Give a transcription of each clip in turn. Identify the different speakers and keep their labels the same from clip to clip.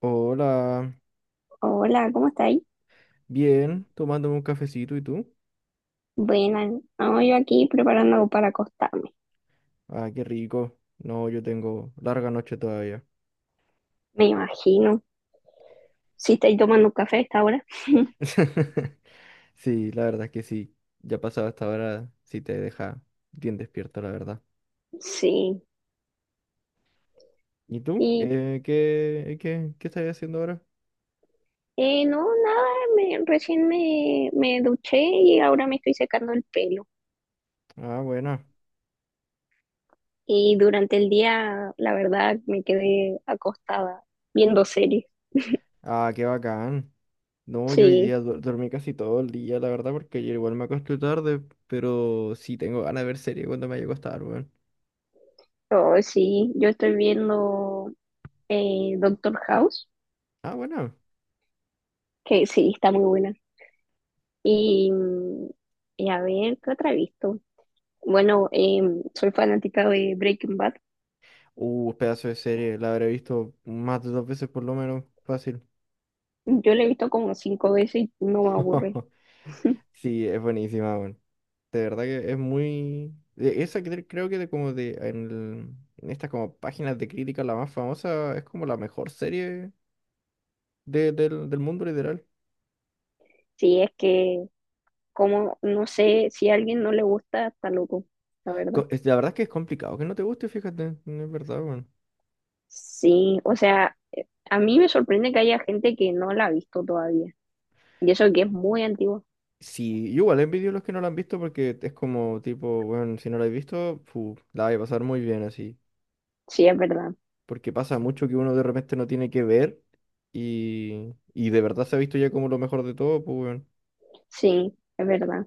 Speaker 1: Hola,
Speaker 2: Hola, ¿cómo estáis?
Speaker 1: bien, tomándome un cafecito, ¿y tú?
Speaker 2: Buena, no, yo aquí preparando para acostarme,
Speaker 1: Ah, qué rico. No, yo tengo larga noche todavía.
Speaker 2: me imagino. Si estáis tomando un café a esta hora.
Speaker 1: Sí, la verdad es que sí. Ya pasado esta hora, sí te deja bien despierto, la verdad.
Speaker 2: Sí.
Speaker 1: ¿Y tú?
Speaker 2: Y
Speaker 1: ¿Qué estás haciendo ahora?
Speaker 2: no, nada, me duché y ahora me estoy secando el pelo.
Speaker 1: Ah, buena.
Speaker 2: Y durante el día, la verdad, me quedé acostada viendo series.
Speaker 1: Ah, qué bacán. No, yo hoy
Speaker 2: Sí,
Speaker 1: día dormí casi todo el día, la verdad, porque ayer igual me acosté tarde, pero sí tengo ganas de ver serie cuando me haya acostado, weón.
Speaker 2: oh, sí, yo estoy viendo Doctor House,
Speaker 1: Ah, bueno.
Speaker 2: que sí, está muy buena. Y, mm, y a ver, ¿qué otra he visto? Bueno, soy fanática de Breaking Bad.
Speaker 1: Pedazo de serie, la habré visto más de dos veces por lo menos, fácil.
Speaker 2: Yo la he visto como cinco veces y no me aburre.
Speaker 1: Sí, es buenísima, weón. De verdad que es muy de esa creo que de como de, en, en estas como páginas de crítica, la más famosa, es como la mejor serie del mundo, literal.
Speaker 2: Sí, es que, como, no sé, si a alguien no le gusta, está loco, la verdad.
Speaker 1: La verdad es que es complicado que no te guste, fíjate, no es verdad, weón.
Speaker 2: Sí, o sea, a mí me sorprende que haya gente que no la ha visto todavía. Y eso que es muy antiguo.
Speaker 1: Sí, yo igual envidio a los que no la han visto porque es como tipo, bueno, si no la has visto, fu, la vas a pasar muy bien así.
Speaker 2: Sí, es verdad.
Speaker 1: Porque pasa mucho que uno de repente no tiene que ver y de verdad se ha visto ya como lo mejor de todo, pues weón.
Speaker 2: Sí, es verdad.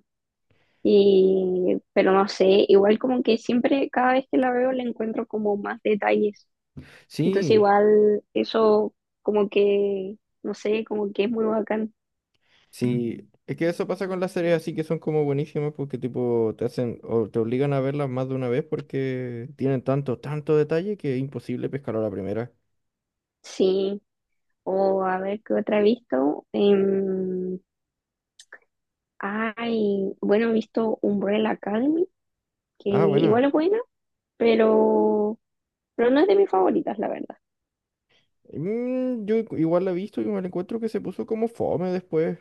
Speaker 2: Y, pero no sé, igual como que siempre, cada vez que la veo, le encuentro como más detalles. Entonces
Speaker 1: Sí,
Speaker 2: igual eso como que, no sé, como que es muy bacán.
Speaker 1: sí, es que eso pasa con las series así que son como buenísimas porque tipo te hacen o te obligan a verlas más de una vez porque tienen tanto, tanto detalle que es imposible pescar a la primera.
Speaker 2: Sí, o a ver qué otra he visto. Ay, bueno, he visto Umbrella Academy, que
Speaker 1: Ah, bueno.
Speaker 2: igual es buena, pero, pero no es de mis favoritas, la verdad.
Speaker 1: Yo igual la he visto y me la encuentro que se puso como fome después.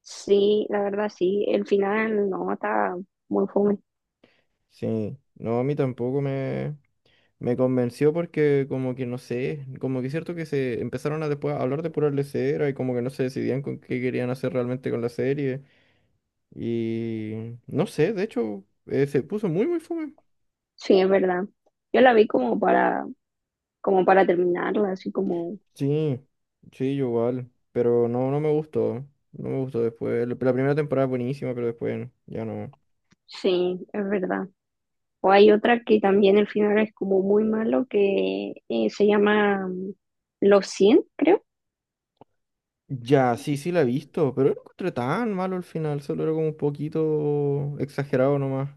Speaker 2: Sí, la verdad sí, el final no está muy fome.
Speaker 1: Sí, no, a mí tampoco me convenció porque como que no sé, como que es cierto que se empezaron a después a hablar de pura lesera y como que no se decidían con qué querían hacer realmente con la serie. Y no sé, de hecho, se puso muy muy fome.
Speaker 2: Sí, es verdad. Yo la vi como para, terminarla, así como,
Speaker 1: Sí, sí, yo igual. Pero no, no me gustó. No me gustó después. La primera temporada es buenísima, pero después ya no.
Speaker 2: sí, es verdad. O hay otra que también el final es como muy malo, que se llama Los 100 creo.
Speaker 1: Ya, sí, sí la he visto, pero no lo encontré tan malo al final, solo era como un poquito exagerado nomás.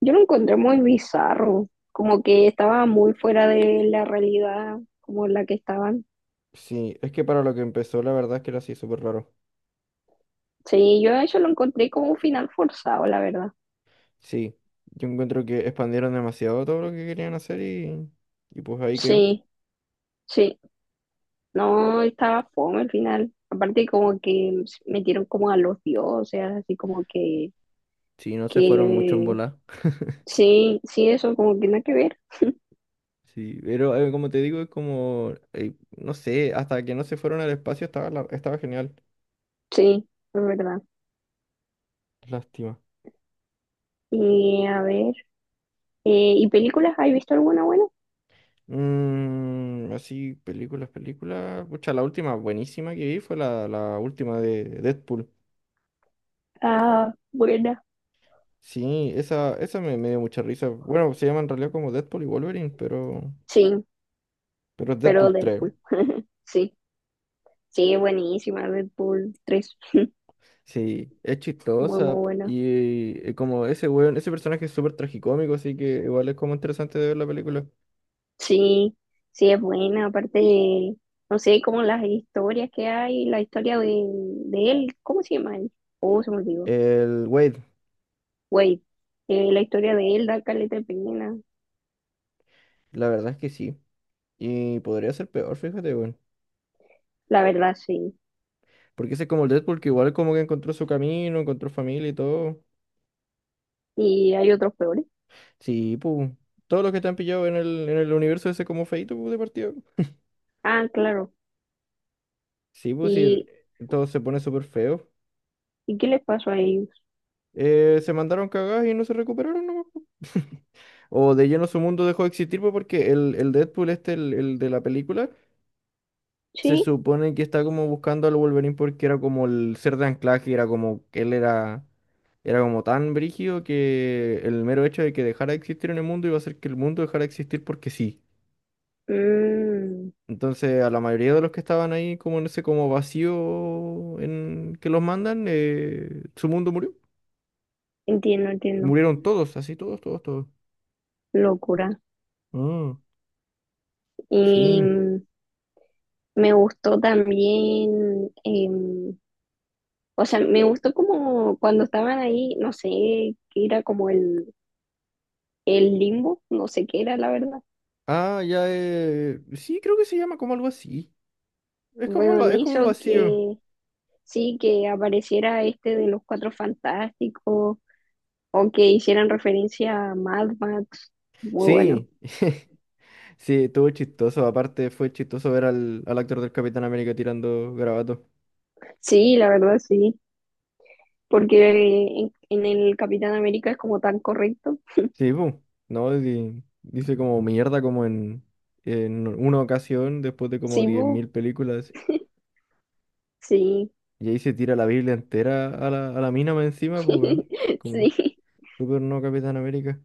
Speaker 2: Yo lo encontré muy bizarro, como que estaba muy fuera de la realidad como la que estaban.
Speaker 1: Sí, es que para lo que empezó, la verdad es que era así súper raro.
Speaker 2: Sí, yo eso lo encontré como un final forzado, la verdad.
Speaker 1: Sí, yo encuentro que expandieron demasiado todo lo que querían hacer y pues ahí quedó.
Speaker 2: Sí, sí, no estaba fome el final. Aparte como que metieron como a los dioses, así como que,
Speaker 1: Sí, no se fueron mucho en
Speaker 2: que
Speaker 1: volar.
Speaker 2: sí, sí, eso como que nada que ver.
Speaker 1: Sí, pero como te digo, es como, no sé, hasta que no se fueron al espacio estaba, estaba genial.
Speaker 2: Sí, es verdad.
Speaker 1: Lástima.
Speaker 2: Y a ver. ¿Y películas? ¿Has visto alguna buena?
Speaker 1: Así, películas, películas. Pucha, la última buenísima que vi fue la última de Deadpool.
Speaker 2: Ah, buena.
Speaker 1: Sí, esa me dio mucha risa. Bueno, se llama en realidad como Deadpool y Wolverine, pero,
Speaker 2: Sí,
Speaker 1: pero es
Speaker 2: pero
Speaker 1: Deadpool 3.
Speaker 2: Deadpool. Sí, sí, es buenísima Deadpool tres,
Speaker 1: Sí, es
Speaker 2: muy, muy
Speaker 1: chistosa.
Speaker 2: buena.
Speaker 1: Y como ese weón, ese personaje es súper tragicómico, así que igual es como interesante de ver la película.
Speaker 2: Sí, sí, es buena. Aparte, no sé, como las historias que hay, la historia de él, ¿cómo se llama él? Oh, se me olvidó.
Speaker 1: El Wade.
Speaker 2: Wait, la historia de él da caleta de pena.
Speaker 1: La verdad es que sí. Y podría ser peor, fíjate, weón.
Speaker 2: La verdad, sí.
Speaker 1: Porque ese es como el Deadpool que igual como que encontró su camino, encontró familia y todo.
Speaker 2: Y hay otros peores.
Speaker 1: Sí, pues. Todos los que te han pillado en el universo ese como feito pu, de partida.
Speaker 2: Ah, claro.
Speaker 1: Sí, pues sí,
Speaker 2: ¿Y,
Speaker 1: todo se pone súper feo.
Speaker 2: y qué les pasó a ellos?
Speaker 1: Se mandaron cagadas y no se recuperaron, ¿no? O de lleno su mundo dejó de existir, pues, porque el Deadpool este, el de la película. Se
Speaker 2: Sí.
Speaker 1: supone que está como buscando al Wolverine porque era como el ser de anclaje, era como que él era como tan brígido que el mero hecho de que dejara de existir en el mundo iba a hacer que el mundo dejara de existir porque sí.
Speaker 2: Mm,
Speaker 1: Entonces a la mayoría de los que estaban ahí como en ese como vacío en que los mandan, su mundo murió.
Speaker 2: entiendo, entiendo.
Speaker 1: Murieron todos, así todos, todos, todos.
Speaker 2: Locura.
Speaker 1: Ah,
Speaker 2: Y
Speaker 1: sí.
Speaker 2: me gustó también, o sea, me gustó como cuando estaban ahí, no sé, qué era como el limbo, no sé qué era la verdad.
Speaker 1: Ah, ya, sí, creo que se llama como algo así. Es como,
Speaker 2: Bueno, le
Speaker 1: es como un
Speaker 2: hizo
Speaker 1: vacío.
Speaker 2: que sí, que apareciera este de los Cuatro Fantásticos o que hicieran referencia a Mad Max. Muy bueno.
Speaker 1: Sí. Sí, estuvo chistoso. Aparte, fue chistoso ver al actor del Capitán América tirando garabato.
Speaker 2: Sí, la verdad sí, porque en el Capitán América es como tan correcto.
Speaker 1: Sí, pum. No, dice como mierda, como en una ocasión, después de como
Speaker 2: Sí,
Speaker 1: diez mil películas.
Speaker 2: sí,
Speaker 1: Y ahí se tira la Biblia entera a la mina más encima, pues, weón. Como
Speaker 2: sí.
Speaker 1: súper no Capitán América.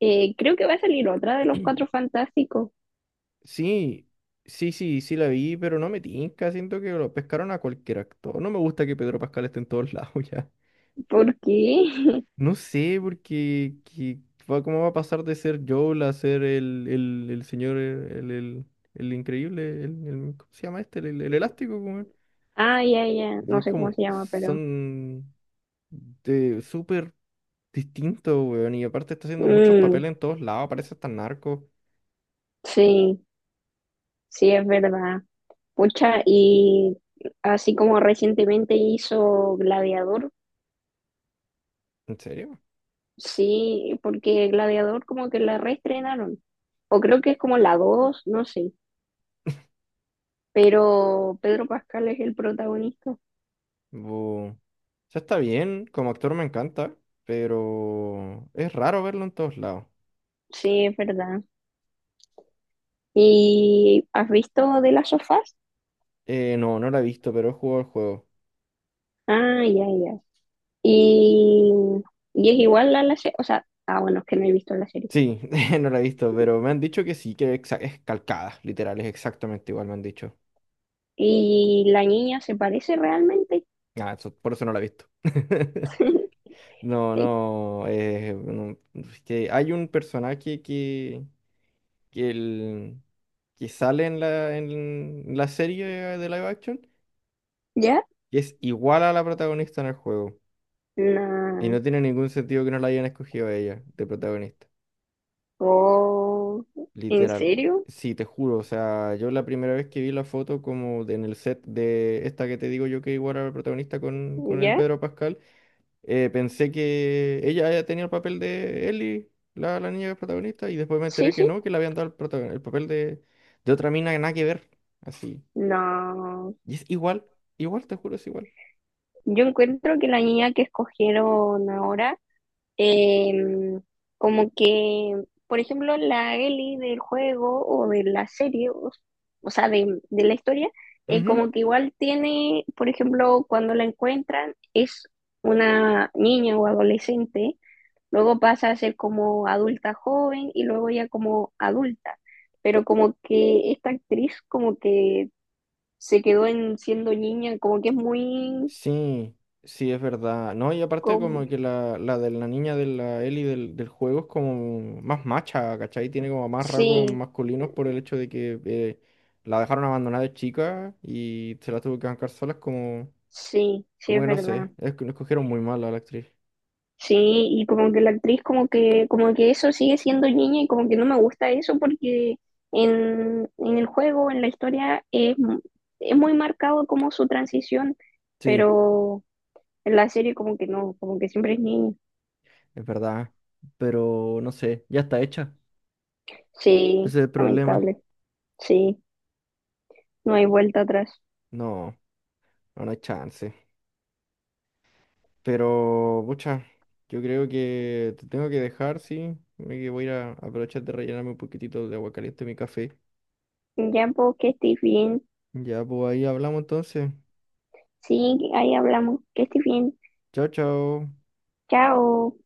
Speaker 2: Creo que va a salir otra de los Cuatro Fantásticos.
Speaker 1: Sí, sí, sí, sí la vi, pero no me tinca. Siento que lo pescaron a cualquier actor. No me gusta que Pedro Pascal esté en todos lados ya.
Speaker 2: ¿Por qué?
Speaker 1: No sé, porque que va, cómo va a pasar de ser Joel a ser el, señor, el increíble, ¿cómo se llama este? El elástico, weón.
Speaker 2: Ah, ya, ya.
Speaker 1: Y
Speaker 2: No
Speaker 1: es
Speaker 2: sé cómo
Speaker 1: como,
Speaker 2: se llama, pero.
Speaker 1: son de súper distintos, weón. Y aparte está haciendo muchos
Speaker 2: Mm,
Speaker 1: papeles en todos lados, parece hasta narco.
Speaker 2: sí, sí, es verdad. Pucha, y así como recientemente hizo Gladiador,
Speaker 1: ¿En serio?
Speaker 2: sí, porque Gladiador como que la reestrenaron. O creo que es como la dos, no sé. Pero Pedro Pascal es el protagonista.
Speaker 1: O sea, está bien, como actor me encanta, pero es raro verlo en todos lados.
Speaker 2: Sí, es verdad. ¿Y has visto de las sofás?
Speaker 1: No, no lo he visto, pero he jugado el juego.
Speaker 2: Ah, ya, ya. Y, y es igual a la serie, o sea, ah, bueno, es que no he visto la serie.
Speaker 1: Sí, no la he visto, pero me han dicho que sí, que es calcada, literal, es exactamente igual, me han dicho.
Speaker 2: Y la niña se parece realmente.
Speaker 1: Ah, por eso no la he visto. No, no, no, es que hay un personaje que, que, el- que sale en la serie de live action
Speaker 2: ¿Ya?
Speaker 1: que es igual a la protagonista en el juego. Y
Speaker 2: No.
Speaker 1: no tiene ningún sentido que no la hayan escogido a ella de protagonista.
Speaker 2: Oh, ¿en
Speaker 1: Literal.
Speaker 2: serio?
Speaker 1: Sí, te juro. O sea, yo la primera vez que vi la foto como en el set de esta que te digo yo que igual era el protagonista con el
Speaker 2: ¿Ya?
Speaker 1: Pedro Pascal, pensé que ella ya tenía el papel de Ellie, la niña que es protagonista, y después me
Speaker 2: Sí,
Speaker 1: enteré que
Speaker 2: sí.
Speaker 1: no, que le habían dado el papel de otra mina que nada que ver. Así.
Speaker 2: No.
Speaker 1: Y es igual, igual, te juro, es igual.
Speaker 2: Yo encuentro que la niña que escogieron ahora, Em, como que, por ejemplo, la Ellie del juego o de la serie, o sea, de la historia, como
Speaker 1: Ujú.
Speaker 2: que igual tiene, por ejemplo, cuando la encuentran, es una niña o adolescente, luego pasa a ser como adulta joven y luego ya como adulta. Pero como que esta actriz como que se quedó en siendo niña, como que es muy,
Speaker 1: Sí, sí, es verdad. No, y aparte
Speaker 2: como,
Speaker 1: como que la de la niña de la Ellie del juego es como más macha, ¿cachai? Tiene como más rasgos
Speaker 2: sí,
Speaker 1: masculinos por el hecho de que la dejaron abandonada de chica y se la tuvo que bancar sola. Es como,
Speaker 2: sí, sí
Speaker 1: como
Speaker 2: es
Speaker 1: que no
Speaker 2: verdad.
Speaker 1: sé, es que lo escogieron muy mal a la actriz.
Speaker 2: Sí, y como que la actriz como que eso sigue siendo niña y como que no me gusta eso porque en el juego, en la historia, es muy marcado como su transición,
Speaker 1: Sí,
Speaker 2: pero en la serie como que no, como que siempre es niña.
Speaker 1: es verdad. Pero no sé, ya está hecha.
Speaker 2: Sí,
Speaker 1: Ese es el problema.
Speaker 2: lamentable, sí, no hay vuelta atrás.
Speaker 1: No, no hay chance. Pero, pucha, yo creo que te tengo que dejar, sí. Me que voy a ir a aprovechar de rellenarme un poquitito de agua caliente en mi café.
Speaker 2: Ya, pues, que estés bien.
Speaker 1: Ya, pues ahí hablamos entonces.
Speaker 2: Sí, ahí hablamos, que estés bien.
Speaker 1: Chao, chao.
Speaker 2: Chao.